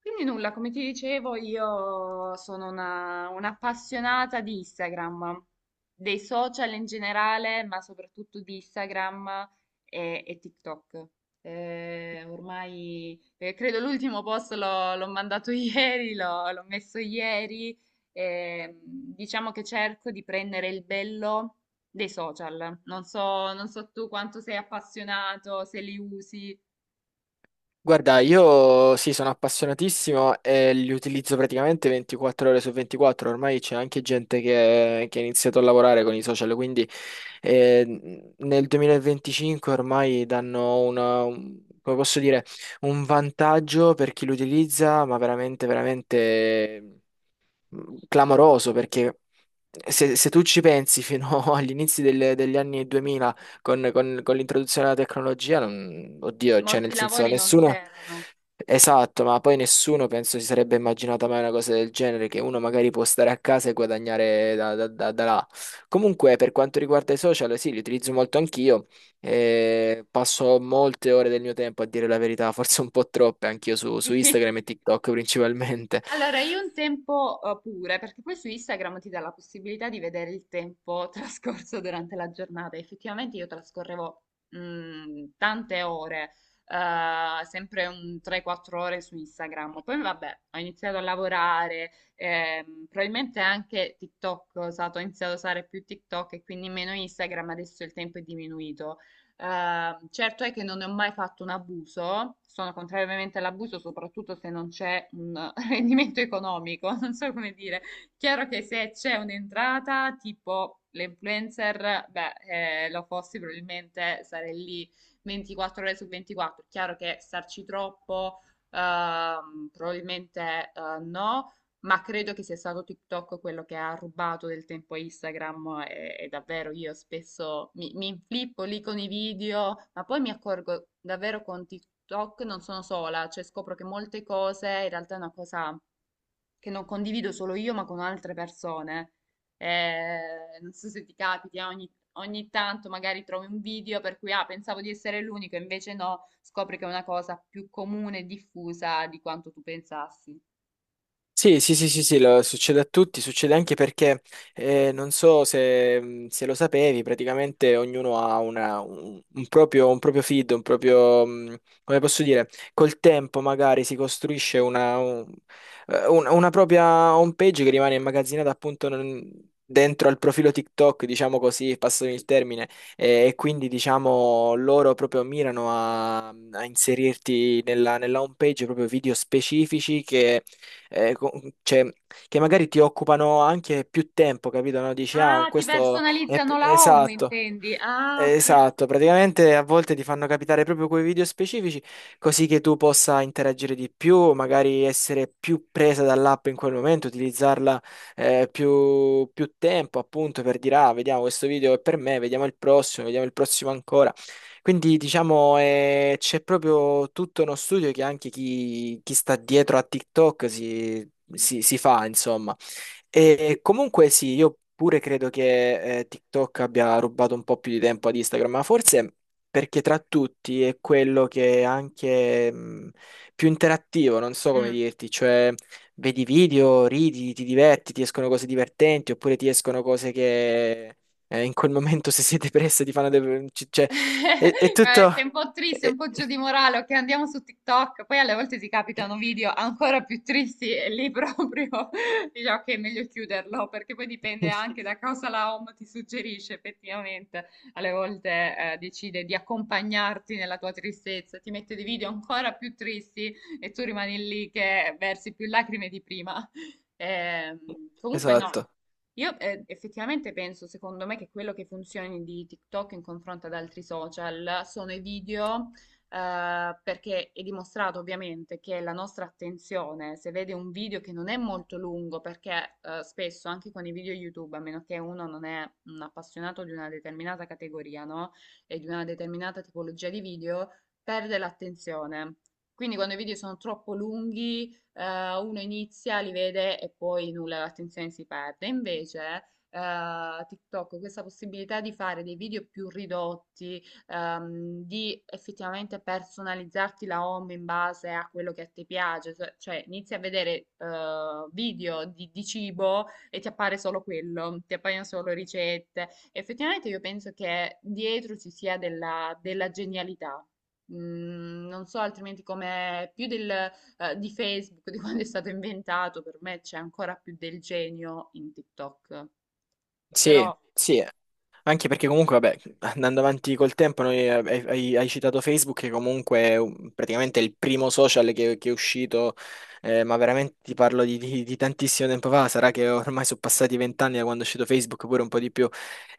Quindi nulla, come ti dicevo, io sono un'appassionata di Instagram, dei social in generale, ma soprattutto di Instagram e TikTok. Ormai credo l'ultimo post l'ho mandato ieri, l'ho messo ieri. Diciamo che cerco di prendere il bello dei social. Non so tu quanto sei appassionato, se li usi. Guarda, io sì, sono appassionatissimo e li utilizzo praticamente 24 ore su 24. Ormai c'è anche gente che ha iniziato a lavorare con i social, quindi nel 2025 ormai danno come posso dire, un vantaggio per chi lo utilizza, ma veramente, veramente clamoroso perché se tu ci pensi fino agli inizi degli anni 2000 con, con l'introduzione della tecnologia, oddio, cioè nel Molti senso lavori non nessuno, c'erano. esatto, ma poi nessuno penso si sarebbe immaginata mai una cosa del genere, che uno magari può stare a casa e guadagnare da, da là. Comunque per quanto riguarda i social, sì, li utilizzo molto anch'io, passo molte ore del mio tempo a dire la verità, forse un po' troppe anch'io su, su Sì. Instagram e TikTok principalmente. Allora, io un tempo pure, perché poi su Instagram ti dà la possibilità di vedere il tempo trascorso durante la giornata. Effettivamente io trascorrevo tante ore, sempre un 3-4 ore su Instagram. Poi vabbè, ho iniziato a lavorare, probabilmente anche TikTok ho usato, ho iniziato a usare più TikTok e quindi meno Instagram, adesso il tempo è diminuito. Certo è che non ne ho mai fatto un abuso, sono contrariamente all'abuso, soprattutto se non c'è un rendimento economico, non so come dire. Chiaro che se c'è un'entrata, tipo le influencer, beh, lo fossi probabilmente sarei lì 24 ore su 24. Chiaro che starci troppo, probabilmente no. Ma credo che sia stato TikTok quello che ha rubato del tempo a Instagram e davvero io spesso mi inflippo lì con i video, ma poi mi accorgo davvero con TikTok non sono sola, cioè scopro che molte cose in realtà è una cosa che non condivido solo io ma con altre persone. Non so se ti capiti, ogni tanto magari trovi un video per cui ah, pensavo di essere l'unico, invece no, scopri che è una cosa più comune e diffusa di quanto tu pensassi. Sì, sì, sì, sì, sì, succede a tutti, succede anche perché non so se lo sapevi, praticamente ognuno ha un proprio, un proprio feed, un proprio, come posso dire, col tempo magari si costruisce una propria home page che rimane immagazzinata appunto dentro al profilo TikTok, diciamo così, passami il termine, e quindi diciamo loro proprio mirano a inserirti nella, nella home page proprio video specifici che eh, co- cioè, che magari ti occupano anche più tempo, capito? No? Dici, ah, Ah, ti questo è personalizzano la home, esatto. intendi? Ah, ok. Esatto, praticamente a volte ti fanno capitare proprio quei video specifici così che tu possa interagire di più, magari essere più presa dall'app in quel momento, utilizzarla più, più tempo appunto per dire ah, vediamo questo video è per me, vediamo il prossimo ancora. Quindi diciamo c'è proprio tutto uno studio che anche chi sta dietro a TikTok si fa, insomma. E comunque sì, io pure credo che TikTok abbia rubato un po' più di tempo ad Instagram, ma forse perché tra tutti è quello che è anche più interattivo, non so come Mm. dirti, cioè vedi video, ridi, ti diverti, ti escono cose divertenti, oppure ti escono cose che in quel momento se sei depresso ti fanno cioè, è, è tutto... Sei un po' triste, un è- po' giù di morale, ok, andiamo su TikTok. Poi alle volte ti capitano video ancora più tristi e lì proprio dici ok, è meglio chiuderlo perché poi dipende anche da cosa la home ti suggerisce effettivamente. Alle volte decide di accompagnarti nella tua tristezza, ti mette dei video ancora più tristi e tu rimani lì che versi più lacrime di prima. Ehm, Comunque no. Esatto. Io effettivamente penso, secondo me, che quello che funzioni di TikTok in confronto ad altri social sono i video, perché è dimostrato ovviamente che la nostra attenzione, se vede un video che non è molto lungo, perché spesso anche con i video YouTube, a meno che uno non è un appassionato di una determinata categoria, no? E di una determinata tipologia di video, perde l'attenzione. Quindi quando i video sono troppo lunghi uno inizia, li vede e poi nulla, l'attenzione si perde. Invece, TikTok, questa possibilità di fare dei video più ridotti, di effettivamente personalizzarti la home in base a quello che a te piace, cioè inizi a vedere video di cibo e ti appare solo quello, ti appaiono solo ricette. Effettivamente io penso che dietro ci sia della genialità. Non so altrimenti come più di Facebook, di quando è stato inventato, per me c'è ancora più del genio in TikTok. Sì, Però sì. Anche perché comunque, vabbè, andando avanti col tempo, hai citato Facebook, che comunque è praticamente è il primo social che è uscito, ma veramente ti parlo di, di tantissimo tempo fa, sarà che ormai sono passati vent'anni da quando è uscito Facebook, pure un po' di più.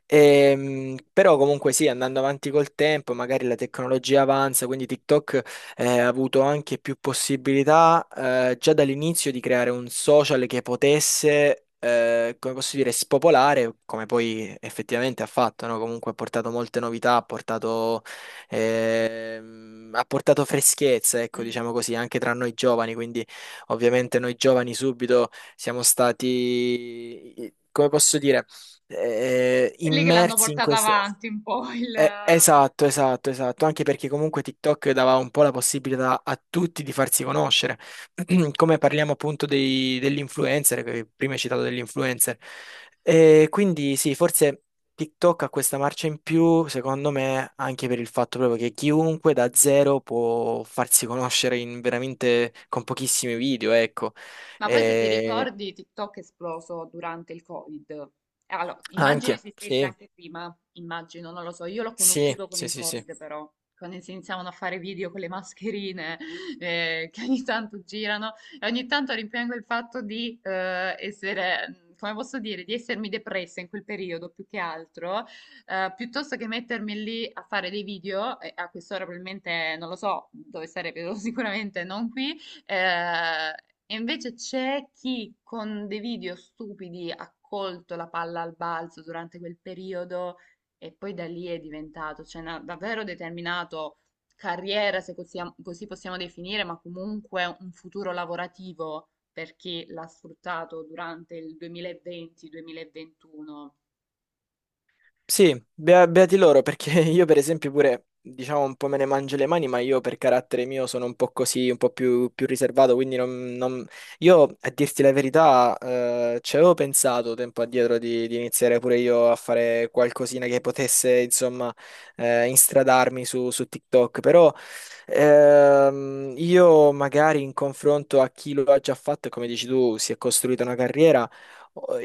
Però comunque sì, andando avanti col tempo, magari la tecnologia avanza, quindi TikTok avuto anche più possibilità già dall'inizio di creare un social che potesse, come posso dire, spopolare, come poi effettivamente ha fatto, no? Comunque ha portato molte novità, ha portato freschezza, ecco, mm, diciamo così, anche tra noi giovani, quindi ovviamente noi giovani subito siamo stati, come posso dire, quelli che l'hanno immersi in portato questo. avanti un po' il. Esatto, esatto, esatto, anche perché comunque TikTok dava un po' la possibilità a tutti di farsi conoscere, come parliamo appunto degli influencer, che prima hai citato degli influencer, e quindi sì, forse TikTok ha questa marcia in più, secondo me, anche per il fatto proprio che chiunque da zero può farsi conoscere in veramente con pochissimi video, ecco. Ma poi se ti E ricordi, TikTok è esploso durante il Covid. Allora, immagino anche, esistesse sì, anche prima, immagino, non lo so, io l'ho sì, conosciuto con sì, il sì, sì. Covid però, quando si iniziavano a fare video con le mascherine che ogni tanto girano e ogni tanto rimpiango il fatto di essere, come posso dire, di essermi depressa in quel periodo più che altro, piuttosto che mettermi lì a fare dei video, e a quest'ora probabilmente, non lo so, dove sarebbe sicuramente non qui, eh, e invece c'è chi con dei video stupidi ha colto la palla al balzo durante quel periodo e poi da lì è diventato, cioè, davvero determinato carriera, se così possiamo definire, ma comunque un futuro lavorativo per chi l'ha sfruttato durante il 2020-2021. Sì, beati loro, perché io per esempio pure, diciamo, un po' me ne mangio le mani, ma io per carattere mio sono un po' così, un po' più, più riservato, quindi non. Io, a dirti la verità, ci avevo pensato tempo addietro di iniziare pure io a fare qualcosina che potesse, insomma, instradarmi su, su TikTok, però io magari in confronto a chi lo ha già fatto, e come dici tu, si è costruita una carriera,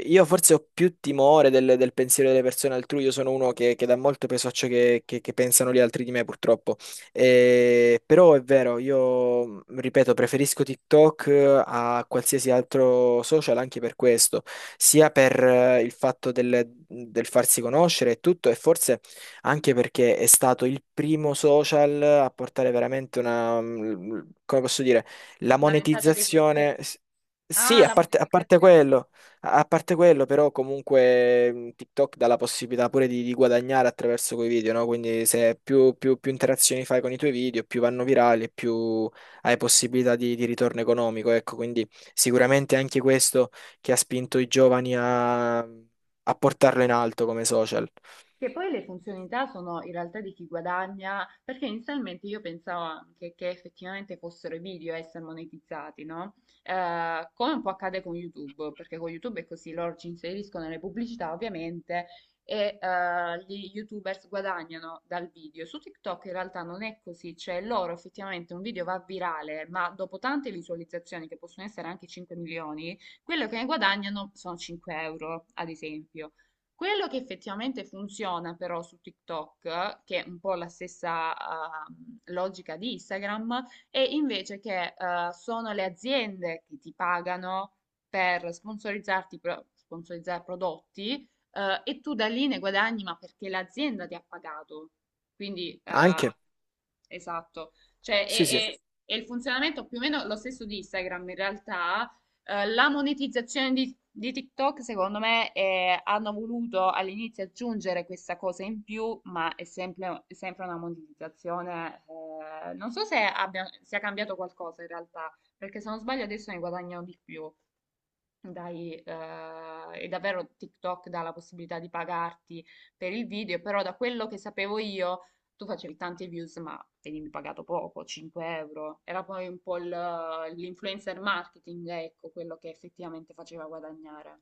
io forse ho più timore del pensiero delle persone altrui, io sono uno che- dà molto peso a ciò che pensano gli altri di me, purtroppo. Però è vero, io ripeto, preferisco TikTok a qualsiasi altro social anche per questo, sia per il fatto del farsi conoscere e tutto, e forse anche perché è stato il primo social a portare veramente una, come posso dire, la Una ventata di presenza. monetizzazione. Sì, Ah, a la. parte a parte quello. A parte quello, però, comunque TikTok dà la possibilità pure di guadagnare attraverso quei video, no? Quindi se più, più interazioni fai con i tuoi video, più vanno virali e più hai possibilità di ritorno economico, ecco. Quindi sicuramente anche questo che ha spinto i giovani a portarlo in alto come social. Che poi le funzionalità sono in realtà di chi guadagna, perché inizialmente io pensavo anche che effettivamente fossero i video a essere monetizzati, no? Come un po' accade con YouTube, perché con YouTube è così, loro ci inseriscono le pubblicità ovviamente e gli YouTubers guadagnano dal video. Su TikTok in realtà non è così, cioè loro effettivamente un video va virale, ma dopo tante visualizzazioni, che possono essere anche 5 milioni, quello che ne guadagnano sono 5 euro, ad esempio. Quello che effettivamente funziona però su TikTok, che è un po' la stessa logica di Instagram, è invece che sono le aziende che ti pagano per sponsorizzarti, sponsorizzare prodotti e tu da lì ne guadagni, ma perché l'azienda ti ha pagato. Quindi, Anche, esatto, cioè sì, sì. è il funzionamento più o meno lo stesso di Instagram in realtà. La monetizzazione di TikTok, secondo me, hanno voluto all'inizio aggiungere questa cosa in più, ma è sempre una monetizzazione. Non so se sia cambiato qualcosa in realtà, perché se non sbaglio adesso ne guadagnano di più. Dai, e davvero TikTok dà la possibilità di pagarti per il video, però da quello che sapevo io, tu facevi tante views, ma venivi pagato poco, 5 euro. Era poi un po' l'influencer marketing, ecco, quello che effettivamente faceva guadagnare.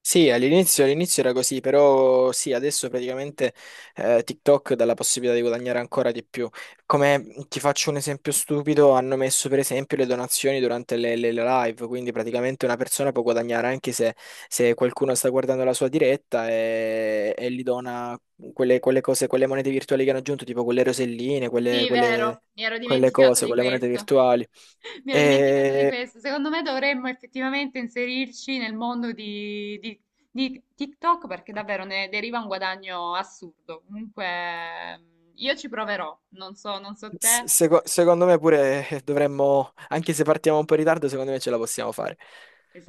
Sì, all'inizio era così, però sì, adesso praticamente TikTok dà la possibilità di guadagnare ancora di più. Come ti faccio un esempio stupido, hanno messo per esempio le donazioni durante le, le live, quindi praticamente una persona può guadagnare anche se qualcuno sta guardando la sua diretta e gli dona quelle, quelle cose, quelle monete virtuali che hanno aggiunto, tipo quelle roselline, quelle, Sì, quelle vero, mi ero quelle dimenticata cose, di quelle monete questo. virtuali. Mi ero dimenticata di E questo. Secondo me dovremmo effettivamente inserirci nel mondo di TikTok perché davvero ne deriva un guadagno assurdo. Comunque, io ci proverò. Non so S- te. seco- secondo me pure dovremmo, anche se partiamo un po' in ritardo, secondo me ce la possiamo fare.